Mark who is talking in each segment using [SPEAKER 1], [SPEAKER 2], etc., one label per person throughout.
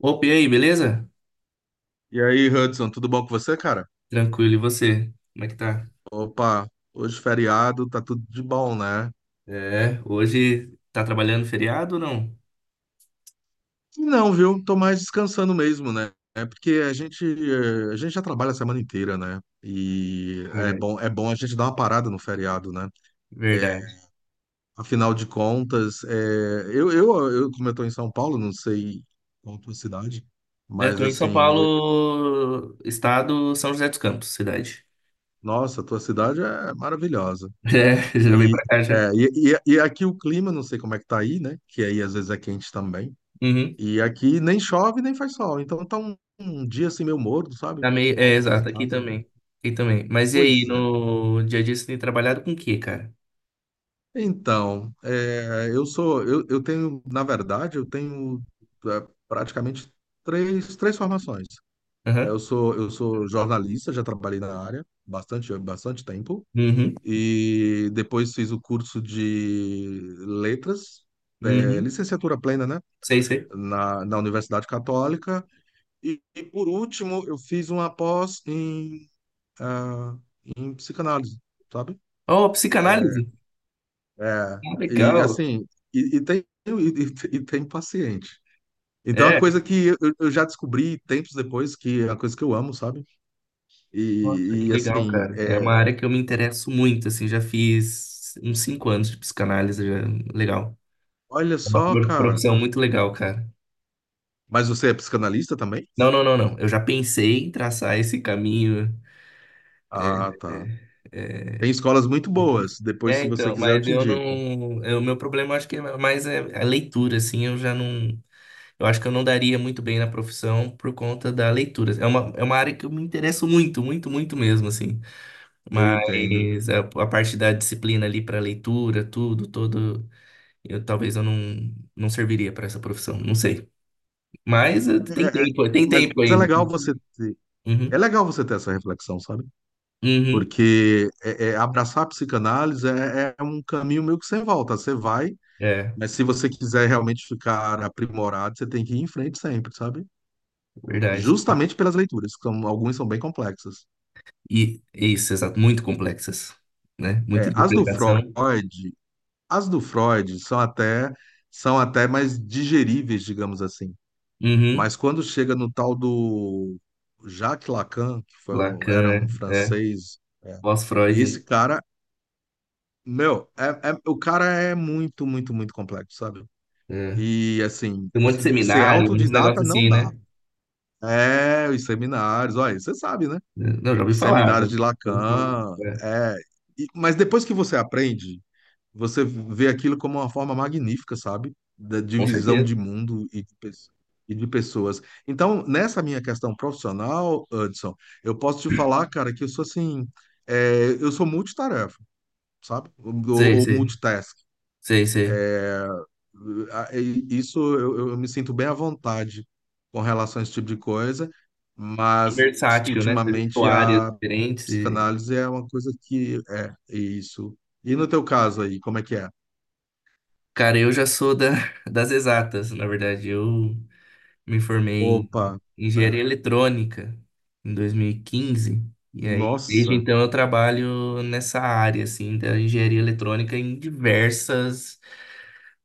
[SPEAKER 1] Opa, e aí, beleza?
[SPEAKER 2] E aí, Hudson, tudo bom com você, cara?
[SPEAKER 1] Tranquilo, e você? Como é que tá?
[SPEAKER 2] Opa, hoje feriado, tá tudo de bom, né?
[SPEAKER 1] É, hoje tá trabalhando feriado ou não?
[SPEAKER 2] Não, viu? Tô mais descansando mesmo, né? É porque a gente, a gente já trabalha a semana inteira, né? E
[SPEAKER 1] Verdade.
[SPEAKER 2] é bom a gente dar uma parada no feriado, né? É,
[SPEAKER 1] Verdade.
[SPEAKER 2] afinal de contas, é, eu, como eu tô em São Paulo, não sei qual a tua cidade,
[SPEAKER 1] É, eu
[SPEAKER 2] mas
[SPEAKER 1] tô em São
[SPEAKER 2] assim, eu-
[SPEAKER 1] Paulo, estado. São José dos Campos, cidade.
[SPEAKER 2] nossa, a tua cidade é maravilhosa.
[SPEAKER 1] É, já vim
[SPEAKER 2] E,
[SPEAKER 1] pra cá já.
[SPEAKER 2] é, e aqui o clima, não sei como é que tá aí, né? Que aí às vezes é quente também.
[SPEAKER 1] Uhum.
[SPEAKER 2] E aqui nem chove nem faz sol. Então tá um dia assim meio morno, sabe?
[SPEAKER 1] Tá meio... é,
[SPEAKER 2] Bom pra ficar em
[SPEAKER 1] exato, aqui
[SPEAKER 2] casa, né?
[SPEAKER 1] também. Aqui também. Mas e aí,
[SPEAKER 2] Pois é.
[SPEAKER 1] no dia a dia você tem trabalhado com o quê, cara?
[SPEAKER 2] Então, é, eu sou, eu tenho, na verdade, eu tenho é, praticamente três formações.
[SPEAKER 1] Aham.
[SPEAKER 2] Eu sou jornalista, já trabalhei na área bastante, bastante tempo.
[SPEAKER 1] Uhum.
[SPEAKER 2] E depois fiz o curso de letras, é,
[SPEAKER 1] Uhum.
[SPEAKER 2] licenciatura plena, né?
[SPEAKER 1] Sei, sei.
[SPEAKER 2] Na Universidade Católica. E por último, eu fiz uma pós em ah, em psicanálise, sabe?
[SPEAKER 1] Oh, psicanálise.
[SPEAKER 2] É,
[SPEAKER 1] Ah,
[SPEAKER 2] e
[SPEAKER 1] legal.
[SPEAKER 2] assim, e tem paciente. Então, a
[SPEAKER 1] É.
[SPEAKER 2] coisa que eu já descobri tempos depois, que é uma coisa que eu amo, sabe?
[SPEAKER 1] Nossa, que
[SPEAKER 2] E,
[SPEAKER 1] legal,
[SPEAKER 2] assim,
[SPEAKER 1] cara. É
[SPEAKER 2] é,
[SPEAKER 1] uma área que eu me interesso muito, assim, já fiz uns cinco anos de psicanálise, já... legal.
[SPEAKER 2] olha
[SPEAKER 1] É uma
[SPEAKER 2] só, cara.
[SPEAKER 1] profissão muito legal, cara.
[SPEAKER 2] Mas você é psicanalista também?
[SPEAKER 1] Não, não, não, não. Eu já pensei em traçar esse caminho.
[SPEAKER 2] Ah, tá.
[SPEAKER 1] É,
[SPEAKER 2] Tem
[SPEAKER 1] é,
[SPEAKER 2] escolas muito
[SPEAKER 1] difícil.
[SPEAKER 2] boas. Depois,
[SPEAKER 1] É,
[SPEAKER 2] se você
[SPEAKER 1] então,
[SPEAKER 2] quiser, eu
[SPEAKER 1] mas
[SPEAKER 2] te
[SPEAKER 1] eu
[SPEAKER 2] indico.
[SPEAKER 1] não. O meu problema acho que é mais é a leitura, assim, eu já não. Eu acho que eu não daria muito bem na profissão por conta da leitura. É uma área que eu me interesso muito, muito, muito mesmo, assim.
[SPEAKER 2] Eu entendo.
[SPEAKER 1] Mas a parte da disciplina ali para leitura, tudo, todo, eu talvez eu não, não serviria para essa profissão, não sei. Mas
[SPEAKER 2] É, é,
[SPEAKER 1] tem
[SPEAKER 2] mas
[SPEAKER 1] tempo
[SPEAKER 2] é
[SPEAKER 1] ainda.
[SPEAKER 2] legal você ter, é
[SPEAKER 1] Uhum,
[SPEAKER 2] legal você ter essa reflexão, sabe?
[SPEAKER 1] uhum,
[SPEAKER 2] Porque é, é, abraçar a psicanálise é, é um caminho meio que sem volta. Você vai,
[SPEAKER 1] é,
[SPEAKER 2] mas se você quiser realmente ficar aprimorado, você tem que ir em frente sempre, sabe?
[SPEAKER 1] verdade.
[SPEAKER 2] Justamente pelas leituras, que são, algumas são bem complexas.
[SPEAKER 1] E é isso, exato, muito complexas, né? Muita
[SPEAKER 2] É,
[SPEAKER 1] interpretação.
[SPEAKER 2] As do Freud são até mais digeríveis, digamos assim.
[SPEAKER 1] Uhum,
[SPEAKER 2] Mas quando chega no tal do Jacques Lacan, que foi um- era um
[SPEAKER 1] Lacan, é, é,
[SPEAKER 2] francês,
[SPEAKER 1] pós-Freud, né?
[SPEAKER 2] esse cara, meu, é, é- o cara é muito, muito, muito complexo, sabe?
[SPEAKER 1] É.
[SPEAKER 2] E assim,
[SPEAKER 1] Tem um monte de
[SPEAKER 2] ser
[SPEAKER 1] seminário, uns negócios
[SPEAKER 2] autodidata não
[SPEAKER 1] assim,
[SPEAKER 2] dá.
[SPEAKER 1] né?
[SPEAKER 2] É, os seminários, olha, você sabe, né?
[SPEAKER 1] Não, já ouvi
[SPEAKER 2] Os
[SPEAKER 1] falar,
[SPEAKER 2] seminários de
[SPEAKER 1] já ouvi falar.
[SPEAKER 2] Lacan,
[SPEAKER 1] É,
[SPEAKER 2] é. E- mas depois que você aprende, você vê aquilo como uma forma magnífica, sabe? Da
[SPEAKER 1] com
[SPEAKER 2] divisão
[SPEAKER 1] certeza.
[SPEAKER 2] de mundo e de, pe- e de pessoas. Então, nessa minha questão profissional, Hudson, eu posso te falar, cara, que eu sou assim, é, eu sou multitarefa, sabe?
[SPEAKER 1] Sei,
[SPEAKER 2] Ou
[SPEAKER 1] sei,
[SPEAKER 2] multitask.
[SPEAKER 1] sei, sei.
[SPEAKER 2] Isso eu me sinto bem à vontade com relação a esse tipo de coisa,
[SPEAKER 1] É
[SPEAKER 2] mas
[SPEAKER 1] versátil, né? Você juntou
[SPEAKER 2] ultimamente
[SPEAKER 1] áreas
[SPEAKER 2] a
[SPEAKER 1] diferentes. E-
[SPEAKER 2] psicanálise é uma coisa que é é isso. E no teu caso aí, como é que é?
[SPEAKER 1] Cara, eu já sou da, das exatas, na verdade. Eu me formei em
[SPEAKER 2] Opa,
[SPEAKER 1] engenharia
[SPEAKER 2] é.
[SPEAKER 1] eletrônica em 2015. E quinze. E aí, desde
[SPEAKER 2] Nossa,
[SPEAKER 1] então, eu trabalho nessa área, assim, da engenharia eletrônica em diversas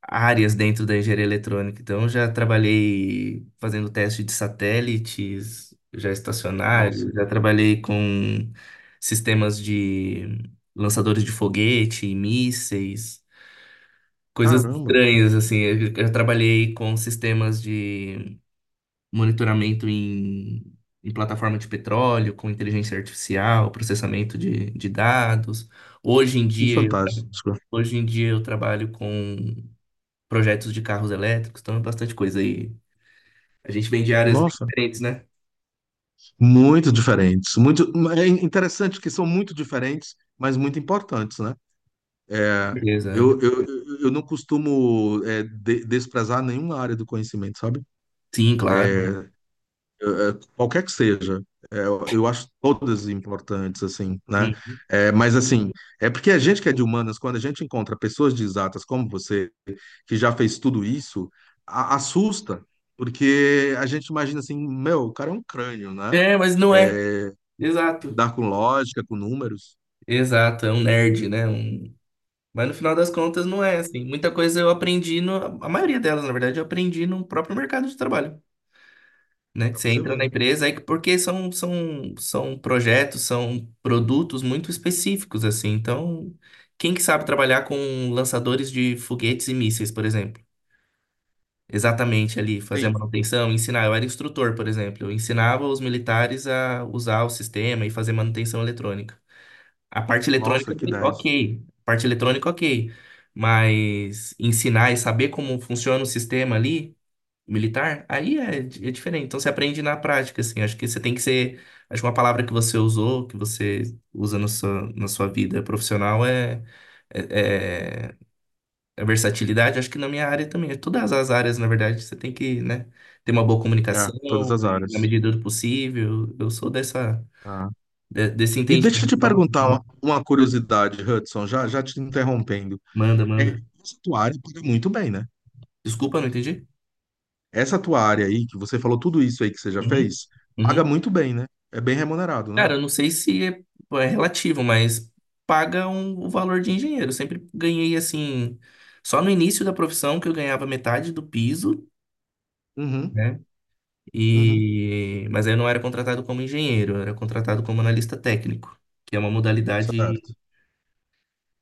[SPEAKER 1] áreas dentro da engenharia eletrônica. Então, eu já trabalhei fazendo teste de satélites, já
[SPEAKER 2] nossa,
[SPEAKER 1] estacionário, já trabalhei com sistemas de lançadores de foguete, mísseis, coisas
[SPEAKER 2] caramba,
[SPEAKER 1] estranhas, assim. Eu já trabalhei com sistemas de monitoramento em, em plataforma de petróleo, com inteligência artificial, processamento de dados. Hoje em
[SPEAKER 2] que
[SPEAKER 1] dia,
[SPEAKER 2] fantástico.
[SPEAKER 1] hoje em dia eu trabalho com projetos de carros elétricos, então é bastante coisa aí. A gente vem de áreas bem
[SPEAKER 2] Nossa,
[SPEAKER 1] diferentes, né?
[SPEAKER 2] muito diferentes, muito é interessante que são muito diferentes, mas muito importantes, né? É,
[SPEAKER 1] Beleza.
[SPEAKER 2] eu não costumo é, de- desprezar nenhuma área do conhecimento, sabe?
[SPEAKER 1] Sim, claro.
[SPEAKER 2] É, qualquer que seja. É, eu acho todas importantes, assim, né?
[SPEAKER 1] Hum.
[SPEAKER 2] É, mas, assim, é porque a gente que é de humanas, quando a gente encontra pessoas de exatas como você, que já fez tudo isso, a- assusta, porque a gente imagina assim, meu, o cara é um crânio, né?
[SPEAKER 1] É, mas não é. Exato.
[SPEAKER 2] Lidar com lógica, com números,
[SPEAKER 1] Exato, é um nerd, né? Um... Mas no final das contas não é assim. Muita coisa eu aprendi no... A maioria delas, na verdade, eu aprendi no próprio mercado de trabalho. Né? Que
[SPEAKER 2] pra
[SPEAKER 1] você
[SPEAKER 2] você
[SPEAKER 1] entra
[SPEAKER 2] ver,
[SPEAKER 1] na
[SPEAKER 2] né?
[SPEAKER 1] empresa, aí que- porque são, são, são projetos, são produtos muito específicos, assim. Então, quem que sabe trabalhar com lançadores de foguetes e mísseis, por exemplo? Exatamente ali, fazer a
[SPEAKER 2] Sim.
[SPEAKER 1] manutenção, ensinar. Eu era instrutor, por exemplo. Eu ensinava os militares a usar o sistema e fazer manutenção eletrônica. A parte
[SPEAKER 2] Nossa,
[SPEAKER 1] eletrônica,
[SPEAKER 2] que dez.
[SPEAKER 1] ok. A parte eletrônica, ok. Mas ensinar e saber como funciona o sistema ali, militar, aí é, é diferente. Então você aprende na prática, assim. Acho que você tem que ser. Acho que uma palavra que você usou, que você usa na sua vida profissional é. É, é a versatilidade, acho que na minha área também, né? Todas as áreas, na verdade, você tem que, né, ter uma boa
[SPEAKER 2] É,
[SPEAKER 1] comunicação,
[SPEAKER 2] todas as
[SPEAKER 1] e, na
[SPEAKER 2] áreas.
[SPEAKER 1] medida do possível. Eu sou dessa,
[SPEAKER 2] Ah.
[SPEAKER 1] desse
[SPEAKER 2] E deixa eu
[SPEAKER 1] entendimento.
[SPEAKER 2] te perguntar uma curiosidade, Hudson, já, já te interrompendo.
[SPEAKER 1] Manda,
[SPEAKER 2] É,
[SPEAKER 1] manda.
[SPEAKER 2] essa tua área paga muito bem, né?
[SPEAKER 1] Desculpa, não entendi?
[SPEAKER 2] Essa tua área aí, que você falou tudo isso aí que você já
[SPEAKER 1] Uhum,
[SPEAKER 2] fez, paga
[SPEAKER 1] uhum.
[SPEAKER 2] muito bem, né? É bem remunerado, né?
[SPEAKER 1] Cara, eu não sei se é, é relativo, mas paga um, o valor de engenheiro. Eu sempre ganhei, assim, só no início da profissão que eu ganhava metade do piso,
[SPEAKER 2] Uhum,
[SPEAKER 1] né?
[SPEAKER 2] uhum,
[SPEAKER 1] E, mas aí eu não era contratado como engenheiro, eu era contratado como analista técnico, que é uma modalidade
[SPEAKER 2] certo.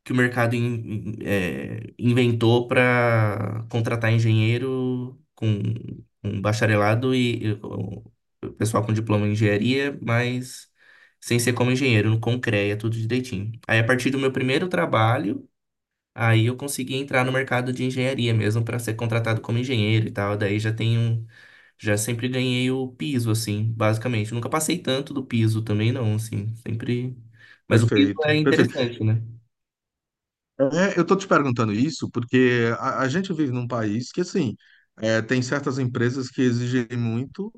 [SPEAKER 1] que o mercado é, inventou para contratar engenheiro com bacharelado e o pessoal com diploma em engenharia, mas sem ser como engenheiro, com CREA, tudo direitinho. Aí, a partir do meu primeiro trabalho, aí eu consegui entrar no mercado de engenharia mesmo para ser contratado como engenheiro e tal. Daí já tenho, já sempre ganhei o piso, assim, basicamente. Nunca passei tanto do piso também, não, assim, sempre. Mas o piso é
[SPEAKER 2] Perfeito, perfeito.
[SPEAKER 1] interessante, né?
[SPEAKER 2] É, eu tô te perguntando isso porque a gente vive num país que, assim, é, tem certas empresas que exigem muito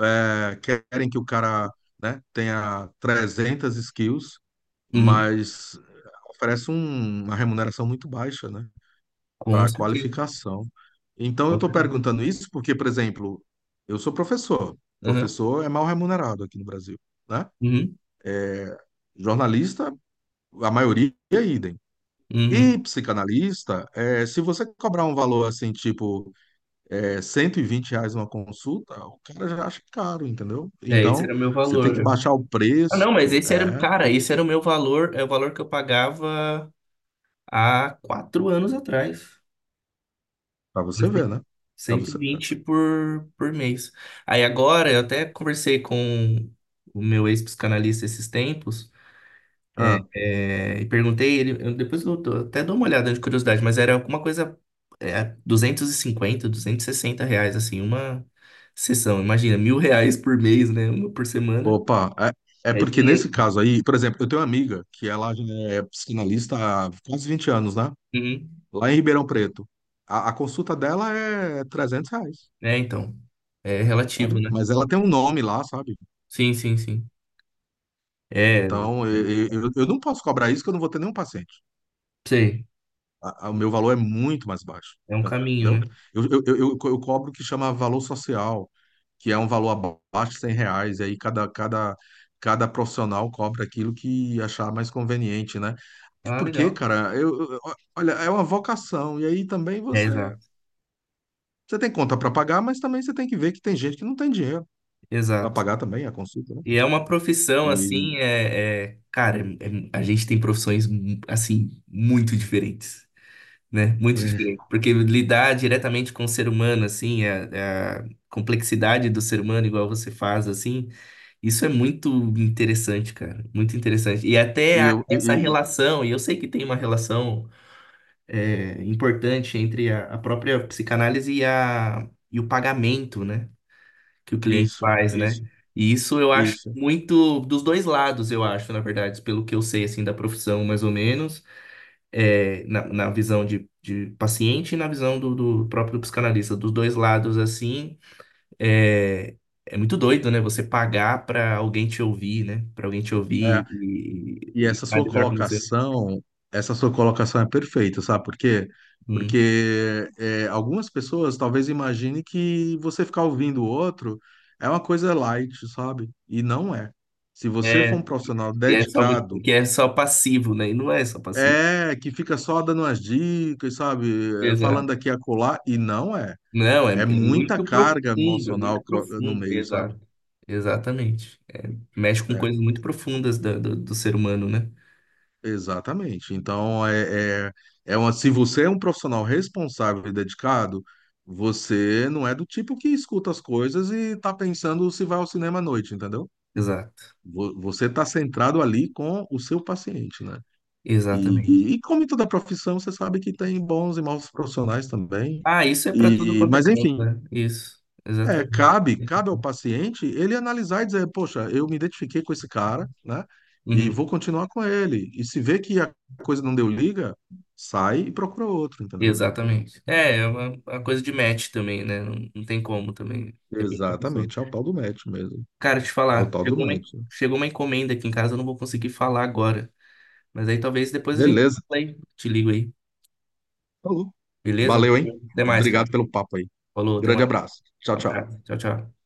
[SPEAKER 2] é, querem que o cara, né, tenha 300 skills,
[SPEAKER 1] Uhum.
[SPEAKER 2] mas oferece um- uma remuneração muito baixa, né, para
[SPEAKER 1] Com
[SPEAKER 2] a
[SPEAKER 1] certeza,
[SPEAKER 2] qualificação. Então, eu
[SPEAKER 1] com
[SPEAKER 2] estou
[SPEAKER 1] certeza.
[SPEAKER 2] perguntando isso porque, por exemplo, eu sou professor.
[SPEAKER 1] Aham,
[SPEAKER 2] Professor é mal remunerado aqui no Brasil, né?
[SPEAKER 1] uhum.
[SPEAKER 2] Jornalista, a maioria é idem.
[SPEAKER 1] Uhum.
[SPEAKER 2] E psicanalista, é, se você cobrar um valor assim, tipo é, R$ 120 uma consulta, o cara já acha caro, entendeu?
[SPEAKER 1] É, esse
[SPEAKER 2] Então,
[SPEAKER 1] era o meu
[SPEAKER 2] você tem que
[SPEAKER 1] valor.
[SPEAKER 2] baixar o
[SPEAKER 1] Ah,
[SPEAKER 2] preço,
[SPEAKER 1] não, mas esse era,
[SPEAKER 2] é,
[SPEAKER 1] cara, esse era o meu valor, é o valor que eu pagava há quatro anos atrás.
[SPEAKER 2] para você
[SPEAKER 1] Eles têm
[SPEAKER 2] ver, né? Para
[SPEAKER 1] cento e
[SPEAKER 2] você.
[SPEAKER 1] vinte por mês. Aí agora, eu até conversei com o meu ex-psicanalista esses tempos,
[SPEAKER 2] Ah,
[SPEAKER 1] é, e perguntei ele, depois eu até dou uma olhada de curiosidade, mas era alguma coisa é, 200 250 260 reais, assim, uma sessão. Imagina, 1.000 reais por mês, né? Uma por semana.
[SPEAKER 2] opa, é, é
[SPEAKER 1] É
[SPEAKER 2] porque nesse
[SPEAKER 1] dinheiro.
[SPEAKER 2] caso aí, por exemplo, eu tenho uma amiga que ela já é psicanalista há quase 20 anos, né?
[SPEAKER 1] Uhum.
[SPEAKER 2] Lá em Ribeirão Preto. A consulta dela é R$ 300.
[SPEAKER 1] É, então, é relativo,
[SPEAKER 2] Sabe?
[SPEAKER 1] né?
[SPEAKER 2] Mas ela tem um nome lá, sabe?
[SPEAKER 1] Sim, sim, sim. É, é,
[SPEAKER 2] Então eu não posso cobrar isso que eu não vou ter nenhum paciente.
[SPEAKER 1] sei,
[SPEAKER 2] A- a- o meu valor é muito mais baixo,
[SPEAKER 1] é um caminho,
[SPEAKER 2] entendeu?
[SPEAKER 1] né?
[SPEAKER 2] Eu eu cobro o que chama valor social, que é um valor abaixo de R$ 100, e aí cada profissional cobra aquilo que achar mais conveniente, né? Até
[SPEAKER 1] Ah,
[SPEAKER 2] porque,
[SPEAKER 1] legal.
[SPEAKER 2] cara, eu- olha, é uma vocação, e aí também
[SPEAKER 1] É,
[SPEAKER 2] você,
[SPEAKER 1] exato,
[SPEAKER 2] você tem conta para pagar, mas também você tem que ver que tem gente que não tem dinheiro para
[SPEAKER 1] exato.
[SPEAKER 2] pagar também a consulta, né?
[SPEAKER 1] E é uma profissão,
[SPEAKER 2] E,
[SPEAKER 1] assim, é, cara, a gente tem profissões, assim, muito diferentes. Né? Muito diferente, porque lidar diretamente com o ser humano, assim, a complexidade do ser humano, igual você faz, assim, isso é muito interessante, cara, muito interessante. E até
[SPEAKER 2] e eu,
[SPEAKER 1] essa relação, e eu sei que tem uma relação é, importante entre a própria psicanálise e, a, e o pagamento, né? Que o
[SPEAKER 2] e-
[SPEAKER 1] cliente
[SPEAKER 2] isso,
[SPEAKER 1] faz,
[SPEAKER 2] é
[SPEAKER 1] né?
[SPEAKER 2] isso,
[SPEAKER 1] E isso eu
[SPEAKER 2] é
[SPEAKER 1] acho
[SPEAKER 2] isso.
[SPEAKER 1] muito dos dois lados, eu acho, na verdade, pelo que eu sei, assim, da profissão, mais ou menos é, na, na visão de paciente e na visão do, do próprio psicanalista. Dos dois lados, assim, é, é muito doido, né? Você pagar pra alguém te ouvir, né? Pra alguém te
[SPEAKER 2] É.
[SPEAKER 1] ouvir
[SPEAKER 2] E
[SPEAKER 1] e analisar com você.
[SPEAKER 2] essa sua colocação é perfeita, sabe por quê?
[SPEAKER 1] Hum.
[SPEAKER 2] Porque é, algumas pessoas talvez imaginem que você ficar ouvindo o outro é uma coisa light, sabe? E não é. Se você for um
[SPEAKER 1] É,
[SPEAKER 2] profissional
[SPEAKER 1] e é só muito,
[SPEAKER 2] dedicado,
[SPEAKER 1] que é só passivo, né? E não é só passivo.
[SPEAKER 2] é que fica só dando umas dicas, sabe? É, falando
[SPEAKER 1] Exato.
[SPEAKER 2] aqui e acolá, e não é.
[SPEAKER 1] Não, é,
[SPEAKER 2] É
[SPEAKER 1] é
[SPEAKER 2] muita
[SPEAKER 1] muito
[SPEAKER 2] carga
[SPEAKER 1] profundo, é muito
[SPEAKER 2] emocional co- no
[SPEAKER 1] profundo.
[SPEAKER 2] meio, sabe?
[SPEAKER 1] Exato. Exatamente. Mexe com coisas
[SPEAKER 2] É.
[SPEAKER 1] muito profundas do, do ser humano, né?
[SPEAKER 2] Exatamente. Então, é, é, é uma, se você é um profissional responsável e dedicado, você não é do tipo que escuta as coisas e tá pensando se vai ao cinema à noite, entendeu?
[SPEAKER 1] Exato.
[SPEAKER 2] Vo- Você tá centrado ali com o seu paciente, né?
[SPEAKER 1] Exatamente.
[SPEAKER 2] E como em toda profissão, você sabe que tem bons e maus profissionais também.
[SPEAKER 1] Ah, isso é para tudo
[SPEAKER 2] E,
[SPEAKER 1] quanto é
[SPEAKER 2] mas,
[SPEAKER 1] canto,
[SPEAKER 2] enfim,
[SPEAKER 1] né? Isso,
[SPEAKER 2] é,
[SPEAKER 1] exatamente.
[SPEAKER 2] cabe, cabe ao paciente ele analisar e dizer, poxa, eu me identifiquei com esse cara, né? E
[SPEAKER 1] Uhum,
[SPEAKER 2] vou continuar com ele. E se vê que a coisa não deu liga, sai e procura outro, entendeu?
[SPEAKER 1] exatamente. É, é uma coisa de match também, né? Não, não tem como também, depende da pessoa.
[SPEAKER 2] Exatamente, é o tal do match mesmo.
[SPEAKER 1] Cara, te
[SPEAKER 2] É o
[SPEAKER 1] falar,
[SPEAKER 2] tal do
[SPEAKER 1] chegou uma,
[SPEAKER 2] match.
[SPEAKER 1] chegou uma encomenda aqui em casa, eu não vou conseguir falar agora. Mas aí talvez depois a gente
[SPEAKER 2] Beleza.
[SPEAKER 1] fala aí, te ligo aí,
[SPEAKER 2] Falou.
[SPEAKER 1] beleza?
[SPEAKER 2] Valeu, hein?
[SPEAKER 1] Até mais,
[SPEAKER 2] Obrigado
[SPEAKER 1] cara.
[SPEAKER 2] pelo papo aí.
[SPEAKER 1] Falou, até
[SPEAKER 2] Grande
[SPEAKER 1] mais.
[SPEAKER 2] abraço. Tchau, tchau.
[SPEAKER 1] Abraço, tchau, tchau.